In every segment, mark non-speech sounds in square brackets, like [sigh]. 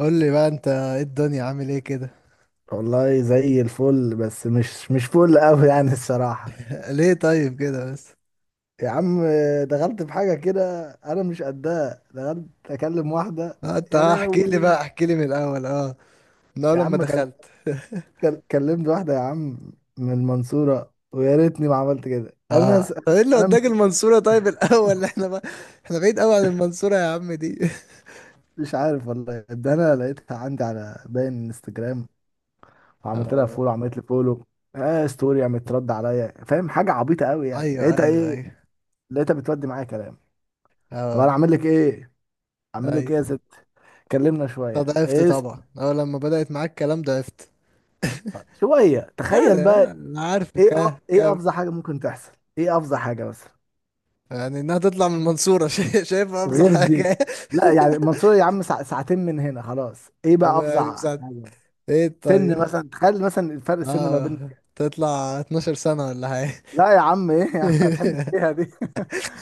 قول لي بقى انت ايه الدنيا عامل ايه كده. والله زي الفل، بس مش فل قوي يعني الصراحة. [laughs] ليه طيب كده بس؟ يا عم، دخلت في حاجة كده أنا مش قدها. دخلت أكلم واحدة. اه انت يا اه احكي لي لهوي. بقى احكي لي من الاول من اول يا لما عم دخلت. [laughs] كلمت واحدة يا عم من المنصورة، ويا ريتني ما عملت كده. أنا اه، س... طب ايه اللي أنا وداك مش المنصورة طيب الاول؟ [laughs] احنا بقى احنا بعيد قوي عن المنصورة يا عم دي. [laughs] مش عارف والله. ده أنا لقيتها عندي على باين انستجرام، وعملت لها اه، فولو، عملت لي فولو. آه، ستوري عملت ترد عليا، فاهم؟ حاجة عبيطة قوي يعني. ايوه لقيتها ايوه إيه، ايوه. لقيتها بتودي معايا كلام. طب أنا اه، أعمل لك إيه؟ اعمل لك ايه ايوه. يا ست؟ كلمنا طب شويه. ضعفت طبعا، اول لما بدأت معاك الكلام ضعفت. شويه، اه تخيل بقى. اه، انا عارفك. اه ايه كم افظع حاجه ممكن تحصل؟ ايه افظع حاجه مثلا يعني انها تطلع من المنصورة. [laughs] شايفها افظع غير دي؟ حاجة. لا يعني المنصوره يا عم ساعتين من هنا، خلاص. ايه [laughs] طب بقى يعني افظع مساعد. حاجه؟ ايه سن طيب. مثلا، تخيل مثلا، الفرق السن ما بيننا اه، كام. تطلع 12 سنة ولا حاجة. لا يا عم، ايه يا عم، هتحب [laughs] فيها دي؟ [laughs]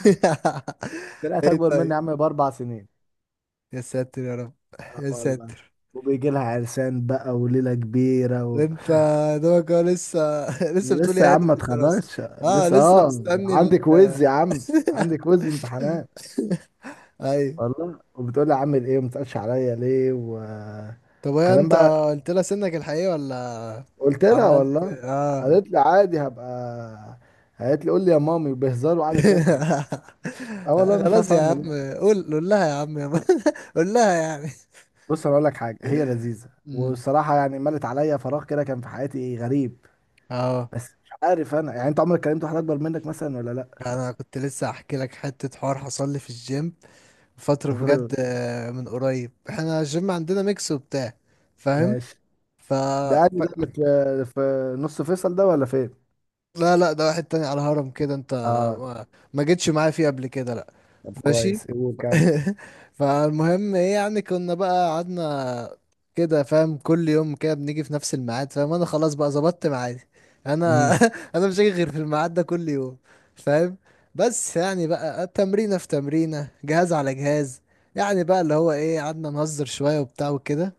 طلعت ايه اكبر مني طيب. يا عم باربع سنين. يا ساتر يا رب. اه يا والله. ساتر. وبيجي لها عرسان بقى وليله كبيره و... انت دوبك هو لسه. [laughs] لسه بتقول لسه يا يا هادي عم ما في الدراسة. اتخرجتش اه، لسه، لسه اه. مستني عندك ويز يا عم، عندك ويز وامتحانات. [laughs] ايوه. والله، وبتقول لي عامل ايه وما تسالش عليا ليه طب هي وكلام انت بقى. قلت لها سنك الحقيقي ولا قلت لها عملت والله. اه. قالت لي عادي، هبقى. قالت لي قول لي يا مامي بهزار، وقعدت تضحك. [laughs] اه والله مش خلاص عارف يا اعمل عم. ايه. قول لها يا عم يا عم. [laughs] قول لها يعني. بص انا اقول لك حاجه، هي لذيذه امم. والصراحه يعني ملت عليا، فراغ كده كان في حياتي غريب. اه، بس مش عارف انا يعني. انت عمرك كلمت واحد اكبر منك مثلا ولا لا؟ انا كنت لسه احكي لك حته حوار حصل لي في الجيم فتره بجد. [laughs] من قريب احنا الجيم عندنا ميكس وبتاع. فاهم؟ ماشي. ف... ده قال ده اللي في في نص فيصل ده ولا فين؟ لا لا، ده واحد تاني على هرم كده انت. اه ما, ما جيتش معايا فيه قبل كده، لا. طب ماشي. كويس، قول كمل. [laughs] فالمهم ايه، يعني كنا بقى قعدنا كده. فاهم؟ كل يوم كده بنيجي في نفس الميعاد. فاهم؟ انا خلاص بقى ظبطت ميعادي انا. [laughs] انا مش هاجي غير في الميعاد ده كل يوم. فاهم؟ بس يعني بقى تمرينة في تمرينة، جهاز على جهاز. يعني بقى اللي هو ايه، قعدنا نهزر شوية وبتاع وكده.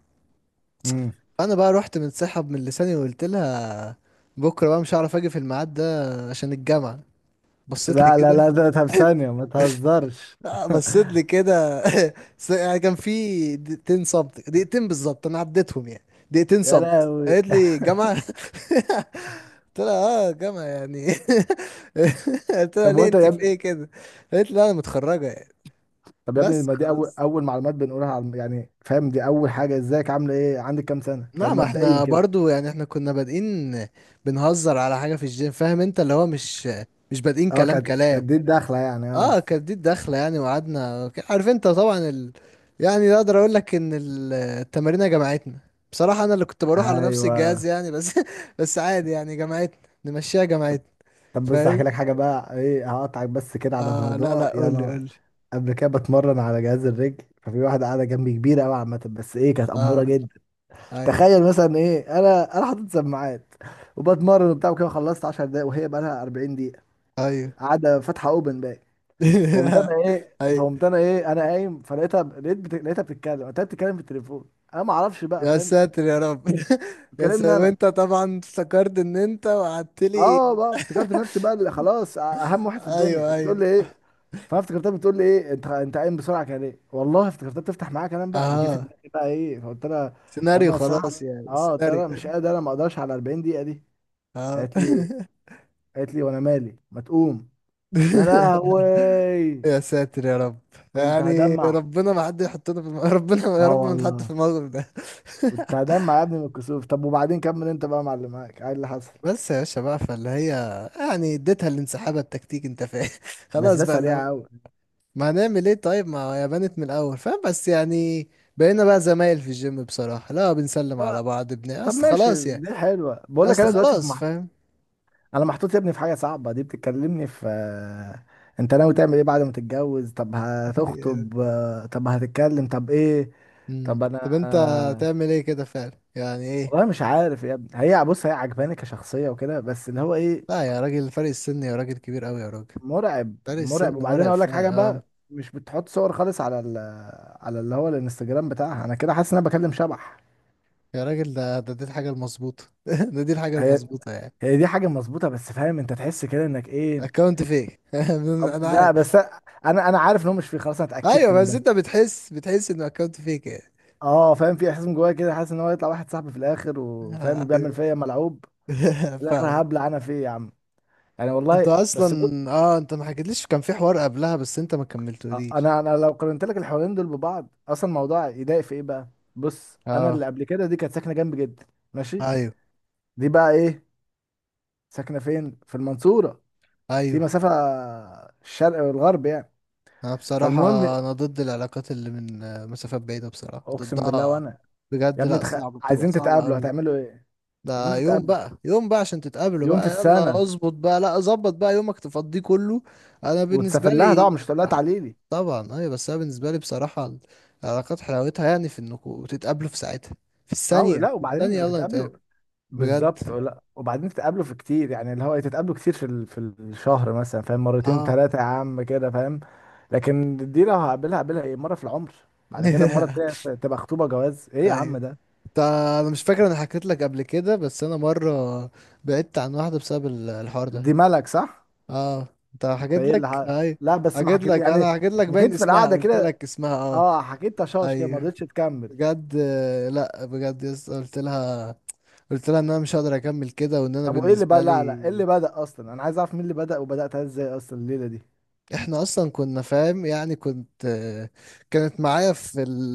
امم. انا بقى رحت منسحب من لساني وقلت لها بكره بقى مش هعرف اجي في الميعاد ده عشان الجامعه. بصيت لي لا لا كده. لا ده، طب ثانية ما تهزرش. بصيت لي كده. [laughs] يعني كان في دقيقتين صمت، دقيقتين بالظبط انا عديتهم يعني. دقيقتين يا صمت، لهوي. قالت لي جامعه؟ [laughs] قلت لها اه جامعه يعني. [laughs] قلت لها طب ليه، وانت انت يا في ابني؟ ايه كده؟ قالت لي لا انا متخرجه يعني. طب يا ابني، بس ما دي اول خلاص. اول معلومات بنقولها على يعني فاهم؟ دي اول حاجة، ازيك، عاملة ايه، عندك كام سنة، لا، فاهم؟ ما مبدئيا احنا كده. برضو يعني احنا كنا بادئين بنهزر على حاجة في الجيم. فاهم انت اللي هو، مش مش بادئين اه كلام كانت كلام. كانت دي الدخلة يعني، اه. اه، كانت دي الدخلة يعني، وقعدنا عارف انت طبعا يعني اقدر اقول لك ان التمارين جمعتنا. بصراحة انا اللي كنت بروح على نفس الجهاز ايوه. يعني، بس [laughs] بس عادي يعني، جمعتنا نمشيها، جمعتنا. طب بص احكي فاهم؟ لك حاجة بقى، ايه، هقطعك بس كده على اه لا موضوع لا، يعني. قول لي انا قول لي. قبل كده بتمرن على جهاز الرجل، ففي واحدة قاعدة جنبي كبيرة قوي عامة، بس ايه، كانت اه، أمورة جدا. ايوه تخيل مثلا ايه، انا حاطط سماعات وبتمرن وبتاع وكده، خلصت 10 دقايق وهي بقى لها 40 دقيقة ايوه. قاعده فاتحه اوبن بقى. فقمت انا [laughs] ايه ايوه. فقمت انا ايه انا قايم، فلقيتها، لقيتها بتتكلم. قلت لها بتتكلم في التليفون، انا ما اعرفش بقى، يا فاهم؟ ساتر يا رب. [laughs] يا بتكلمني ساتر. انا. وانت طبعا افتكرت ان انت وقعدت لي. اه بقى افتكرت نفسي بقى اللي خلاص اهم واحد في الدنيا، ايوه بتقول ايوه. لي ايه. فانا افتكرتها بتقول لي ايه انت، قايم بسرعه كده ليه، والله افتكرتها بتفتح معايا كلام بقى، وجه في اه، دماغي بقى ايه فقلت لها لما سيناريو الصراحه، خلاص، يعني اه قلت السيناريو. لها مش قادر، انا ما اقدرش على 40 دقيقه دي. اه. قالت لي قالت لي وانا مالي، ما تقوم. يا [laughs] لهوي. يا ساتر يا رب. كنت يعني هدمع. ربنا ما حد يحطنا في [laughs] ربنا يا اه رب ما نتحط في والله الموقف ده. كنت [laughs] هدمع يا ابني من الكسوف. طب وبعدين كمل انت بقى يا معلم، معاك ايه اللي حصل؟ بس يا باشا بقى، فاللي هي يعني اديتها الانسحاب التكتيكي انت فاهم. [laughs] بس خلاص ده بقى، اللي سريع هو قوي. ما هنعمل ايه طيب، ما هي بنت من الاول. فاهم بس يعني بقينا بقى زمايل في الجيم، بصراحة لا بنسلم طب على بعض، ابن طب اصل ماشي، خلاص يعني. دي حلوه. بقول لك اصل انا دلوقتي في خلاص فاهم. انا محطوط يا ابني في حاجه صعبه. دي بتتكلمني في آه، انت ناوي تعمل ايه بعد ما تتجوز، طب هتخطب، [laughs] آه، طب هتتكلم، طب ايه. أمم. طب انا، طب انت آه، تعمل ايه كده فعلا يعني ايه؟ والله مش عارف يا ابني. هي بص، هي عجباني كشخصيه وكده، بس اللي هو ايه، لا يا راجل، فرق السن يا راجل كبير قوي يا راجل. مرعب. فرق السن مرعب. وبعدين مرعب اقول لك حاجه فعلا اه. بقى، مش بتحط صور خالص على على اللي هو الانستجرام بتاعها. انا كده حاسس ان انا بكلم شبح. يا راجل، ده دي الحاجة المظبوطة. [laughs] دي الحاجة هي المظبوطة يعني. هي دي حاجه مظبوطه، بس فاهم انت، تحس كده انك ايه. اكونت فيك. [laughs] أب- انا لا عارف. بس انا انا عارف ان هو مش فيه، خلاص انا ايوه، اتاكدت من بس ده. انت بتحس انه اكونت فيك يعني. اه فاهم، في احساس من جوايا كده، حاسس ان هو يطلع واحد صاحبي في الاخر، وفاهم بيعمل فيا ملعوب. [laughs] في فاهم؟ الاخر هبلع انا فيه يا عم. يعني انت والله. اصلا بس بص، اه، انت ما حكيتليش كان في حوار قبلها بس انت ما كملتوليش. انا لو قارنت لك الحوارين دول ببعض، اصلا الموضوع يضايق في ايه بقى. بص، انا اه، اللي قبل كده دي كانت ساكنه جنبي جدا. ماشي. ايوه دي بقى ايه، ساكنه فين، في المنصوره، في ايوه. مسافه الشرق والغرب يعني. انا بصراحة فالمهم. انا ضد العلاقات اللي من مسافات بعيدة، بصراحة اقسم بالله. ضدها. وانا يا بجد، ابني لا صعبة، بتبقى عايزين صعبة تتقابلوا قوي. هتعملوا ايه؟ عايزين ده يوم تتقابلوا بقى، يوم بقى عشان تتقابلوا يوم في بقى، يلا السنة؟ اظبط بقى، لا ظبط بقى يومك تفضيه كله. انا بالنسبة وتسافر لها طبعا، لي. مش هتقول لها [laughs] تعالي لي. طبعا ايوه. بس انا بالنسبة لي بصراحة العلاقات حلاوتها يعني في انكم تتقابلوا في ساعتها، في اه الثانية، لا، في الثانية وبعدين يلا وتتقابلوا نتقابل. بجد بالظبط. لا، وبعدين تتقابلوا في كتير يعني اللي هو إيه، تتقابلوا كتير في في الشهر مثلا، فاهم، مرتين اه. ثلاثة يا عم كده، فاهم. لكن دي لو هقابلها هقابلها ايه، مرة في العمر. بعد كده المرة [laughs] التانية تبقى خطوبة جواز، ايه يا عم ايوه. ده. انا مش فاكر انا حكيت لك قبل كده بس، انا مره بعدت عن واحده بسبب الحوار ده. دي ملك، صح. اه. انت ده حكيت ايه لك ايوه. لا بس ما حكيت حكيت لك يعني. انا حكيت لك باين حكيت في اسمها، القعدة قلت كده. لك اسمها اه. اه حكيت تشاش كده، ما ايوه رضيتش تكمل. بجد. لا بجد يس. قلت لها قلت لها ان انا مش هقدر اكمل كده، وان انا طب وايه اللي بدأ، بالنسبه لا لي ايه اللي بدأ اصلا، انا عايز اعرف مين اللي بدأ، وبدأتها ازاي اصلا الليلة دي. احنا اصلا كنا فاهم يعني. كنت كانت معايا في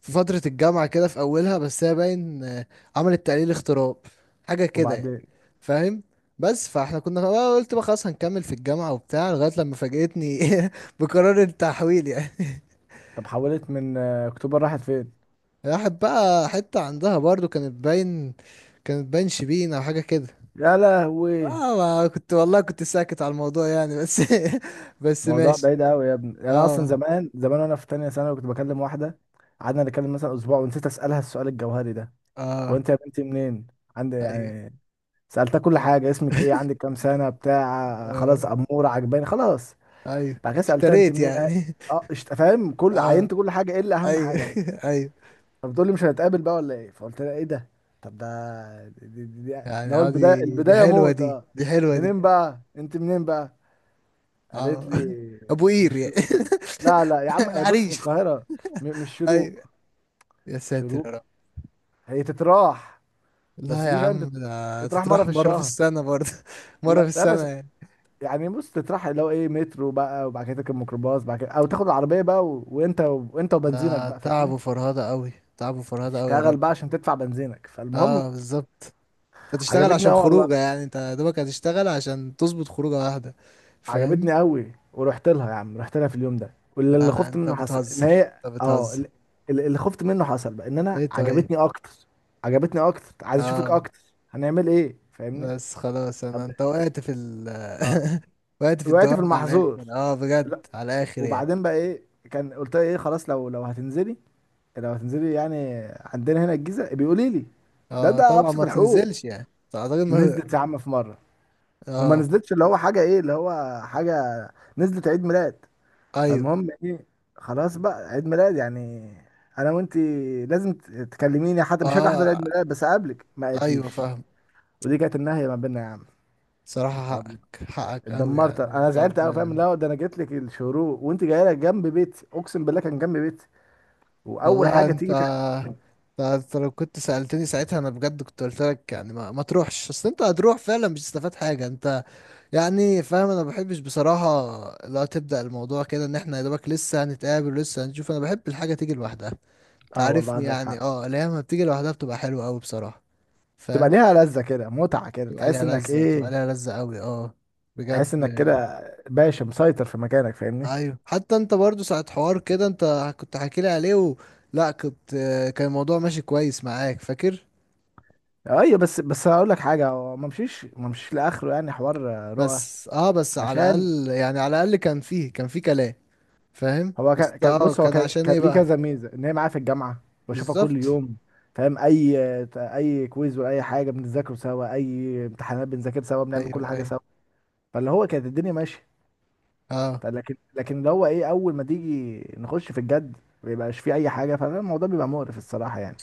في فتره الجامعه كده في اولها، بس هي باين عملت تقليل اغتراب، حاجه كده يعني. وبعدين فاهم؟ بس فاحنا كنا بقى، قلت بقى خلاص هنكمل في الجامعة وبتاع، لغاية لما فاجأتني [laughs] بقرار التحويل يعني. [laughs] طب حولت من آه، اكتوبر راحت فين؟ راحت بقى حتة عندها برضو، كانت باين شبين او حاجة كده. يا لهوي. اه ما كنت، والله كنت ساكت على الموضوع يعني، بس [laughs] بس موضوع ماشي. بعيد قوي يا ابني يعني. انا اصلا اه. زمان زمان وانا في تانية ثانوي كنت بكلم واحدة، قعدنا نتكلم مثلا اسبوع، ونسيت اسالها السؤال الجوهري ده، هو اه انت يا بنتي منين؟ عندي ايوه. يعني. سالتها كل حاجة، اسمك ايه، عندك [laughs] كام سنة، بتاع، خلاص، آه. امورة، عجباني، خلاص. ايوه. بعد كده سالتها انت اشتريت منين، اه، يعني. آه، فاهم؟ [laughs] كل اه. عينت كل حاجة الا اهم ايوه. حاجة. [laughs] ايوه. فبتقول لي مش هنتقابل بقى ولا ايه، فقلت لها ايه ده. طب ده دي اللي يعني هو اه، البدايه، دي البدايه حلوة، موت دي اه. دي حلوة دي. منين بقى، انت منين بقى؟ قالت اه. لي [laughs] ابو قير مش، يعني. لا لا يا [laughs] عم، آه، بص من العريش. القاهره. مش شروق. ايوه. يا ساتر يا شروق. رب. هي تتراح. بس لا يا دي فاهم عم، ده تتراح مره تتراح في مرة في الشهر. السنة برضه. [laughs] مرة في لا لا السنة بس يعني. يعني بص، تتراح اللي هو ايه، مترو بقى، وبعد كده تركب ميكروباص، بعد كده او تاخد العربيه بقى و... وانت ده وبنزينك بقى، تعب فاهمني. وفرهدة قوي، تعب وفرهدة قوي يا تشتغل راجل. بقى عشان تدفع بنزينك. فالمهم، اه بالظبط. انت تشتغل عجبتني عشان قوي والله. خروجه يعني، انت يا دوبك هتشتغل عشان تظبط خروجه واحده. فاهم؟ عجبتني قوي، ورحت لها يا عم، رحت لها في اليوم ده، واللي لا اللي لا، خفت انت منه حصل. ان بتهزر هي انت اه بتهزر. اللي اللي خفت منه حصل بقى، ان انا ايه طيب عجبتني اكتر. عجبتني اكتر، عايز اشوفك اه. اكتر، هنعمل ايه، فاهمني. بس خلاص، طب انا انت وقعت في ال… اه، [laughs] وقعت في وقعت في الدوام على المحظور. الاخر، اه بجد لا على الاخر يعني. وبعدين بقى ايه، كان قلت لها ايه، خلاص لو هتنزلي، لو هتنزلي يعني، عندنا هنا الجيزه بيقولي لي، ده اه طبعا ابسط ما الحقوق. بتنزلش يعني. اعتقد ما. نزلت يا عم في مره، وما اه نزلتش اللي هو حاجه ايه اللي هو حاجه، نزلت عيد ميلاد. ايوه. فالمهم ايه، خلاص بقى عيد ميلاد يعني، انا وانتي لازم تكلميني حتى، مش هاجي احضر اه عيد ميلاد بس اقابلك، ما ايوه قالتليش. فاهم. ودي كانت النهايه ما بيننا يا عم. صراحة والله حقك، حقك قوي اتدمرت يعني انا، زعلت بجد. قوي، فاهم، لا ده انا جيت لك الشروق وانت جايه لك جنب بيتي، اقسم بالله كان جنب بيتي. واول والله حاجه انت، تيجي انت، أنت لو كنت سألتني ساعتها انا بجد كنت قلت لك يعني ما تروحش، اصل انت هتروح فعلا مش هتستفاد حاجة انت يعني. فاهم؟ انا ما بحبش بصراحة لا تبدأ الموضوع كده، ان احنا يا دوبك لسه هنتقابل ولسه هنشوف. انا بحب الحاجة تيجي لوحدها، اه والله تعرفني عندك يعني، حق. اه اللي هي لما بتيجي لوحدها بتبقى حلوة قوي بصراحة. تبقى فاهم؟ ليها لذه كده، متعه كده، بتبقى تحس ليها انك لذة بتبقى ايه، ليها لذة قوي اه. بجد. تحس انك كده باشا مسيطر في مكانك، فاهمني. ايوه حتى انت برضو ساعة حوار كده انت كنت حاكي لي عليه و… لا كنت، كان الموضوع ماشي كويس معاك فاكر. ايوه بس، هقول لك حاجه، هو ما مشيش لاخره يعني حوار رؤى. بس اه، بس على عشان الاقل يعني، على الاقل كان فيه، كان فيه كلام. فاهم؟ هو بس كان اه، بص، هو كان كان عشان كان ايه ليه بقى؟ كذا ميزه، ان هي معايا في الجامعه، بشوفها كل بالظبط. يوم، فاهم؟ اي اي كويز، ولا اي حاجه بنذاكره سوا، اي امتحانات بنذاكر سوا، بنعمل كل ايوه حاجه ايوه سوا. فاللي هو كانت الدنيا ماشيه. اه. لكن اللي هو ايه، اول ما تيجي نخش في الجد، ما بيبقاش فيه اي حاجه، فالموضوع بيبقى مقرف الصراحه يعني.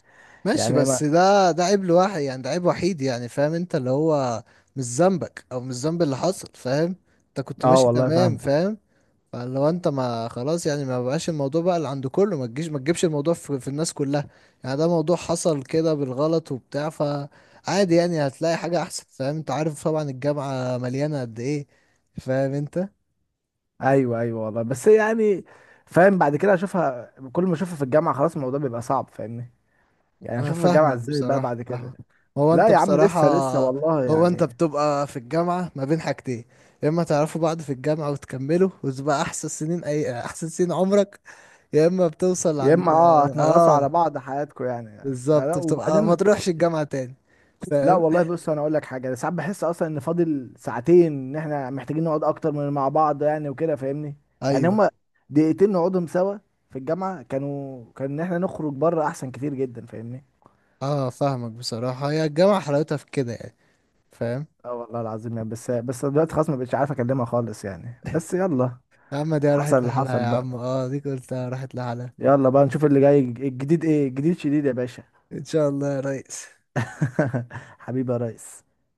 ماشي، يعني ما. بس ده ده عيب لواحد يعني، ده عيب وحيد يعني. فاهم انت اللي هو مش ذنبك، او مش ذنب اللي حصل. فاهم؟ انت كنت اه ماشي والله تمام. فاهم. فاهم؟ فلو انت ما خلاص يعني، ما بقاش الموضوع بقى اللي عند كله، ما تجيش ما تجيبش الموضوع في الناس كلها يعني. ده موضوع حصل كده بالغلط وبتاع، فعادي يعني هتلاقي حاجة احسن. فاهم انت؟ عارف طبعا الجامعة مليانة قد ايه. فاهم انت. ايوه ايوه والله، بس يعني فاهم، بعد كده اشوفها كل ما اشوفها في الجامعه، خلاص الموضوع بيبقى صعب، فاهمني. يعني انا اشوفها في الجامعه فاهمك ازاي بقى بصراحة، بعد فاهمك. كده. هو لا انت يا عم، بصراحة، لسه لسه والله هو انت يعني. بتبقى في الجامعة ما بين حاجتين: يا اما تعرفوا بعض في الجامعة وتكملوا، وتبقى احسن سنين، اي احسن سنين عمرك، يا اما بتوصل يا عند اما اه هتنغصوا على اه، بعض حياتكم يعني. آه، لا بالظبط، بتبقى ما وبعدين، تروحش الجامعة تاني. لا فاهم؟ والله بص انا اقول لك حاجه، أنا ساعات بحس اصلا ان فاضل ساعتين، ان احنا محتاجين نقعد اكتر من مع بعض يعني وكده، فاهمني. يعني ايوه. هما دقيقتين نقعدهم سوا في الجامعه، كانوا كان، ان احنا نخرج بره احسن كتير جدا، فاهمني. اه فاهمك بصراحة، هي الجامعة حلاوتها في كده يعني. فاهم؟ اه والله العظيم يعني، بس بس دلوقتي خلاص ما بقتش عارف اكلمها خالص يعني، بس يلا، يا عم دي حصل راحت اللي لحالها حصل يا عم، بقى، اه دي قلتها راحت لحالها. يلا بقى نشوف اللي جاي، الجديد ايه، الجديد شديد يا باشا. ان شاء الله يا ريس. [laughs] حبيبي يا ريس.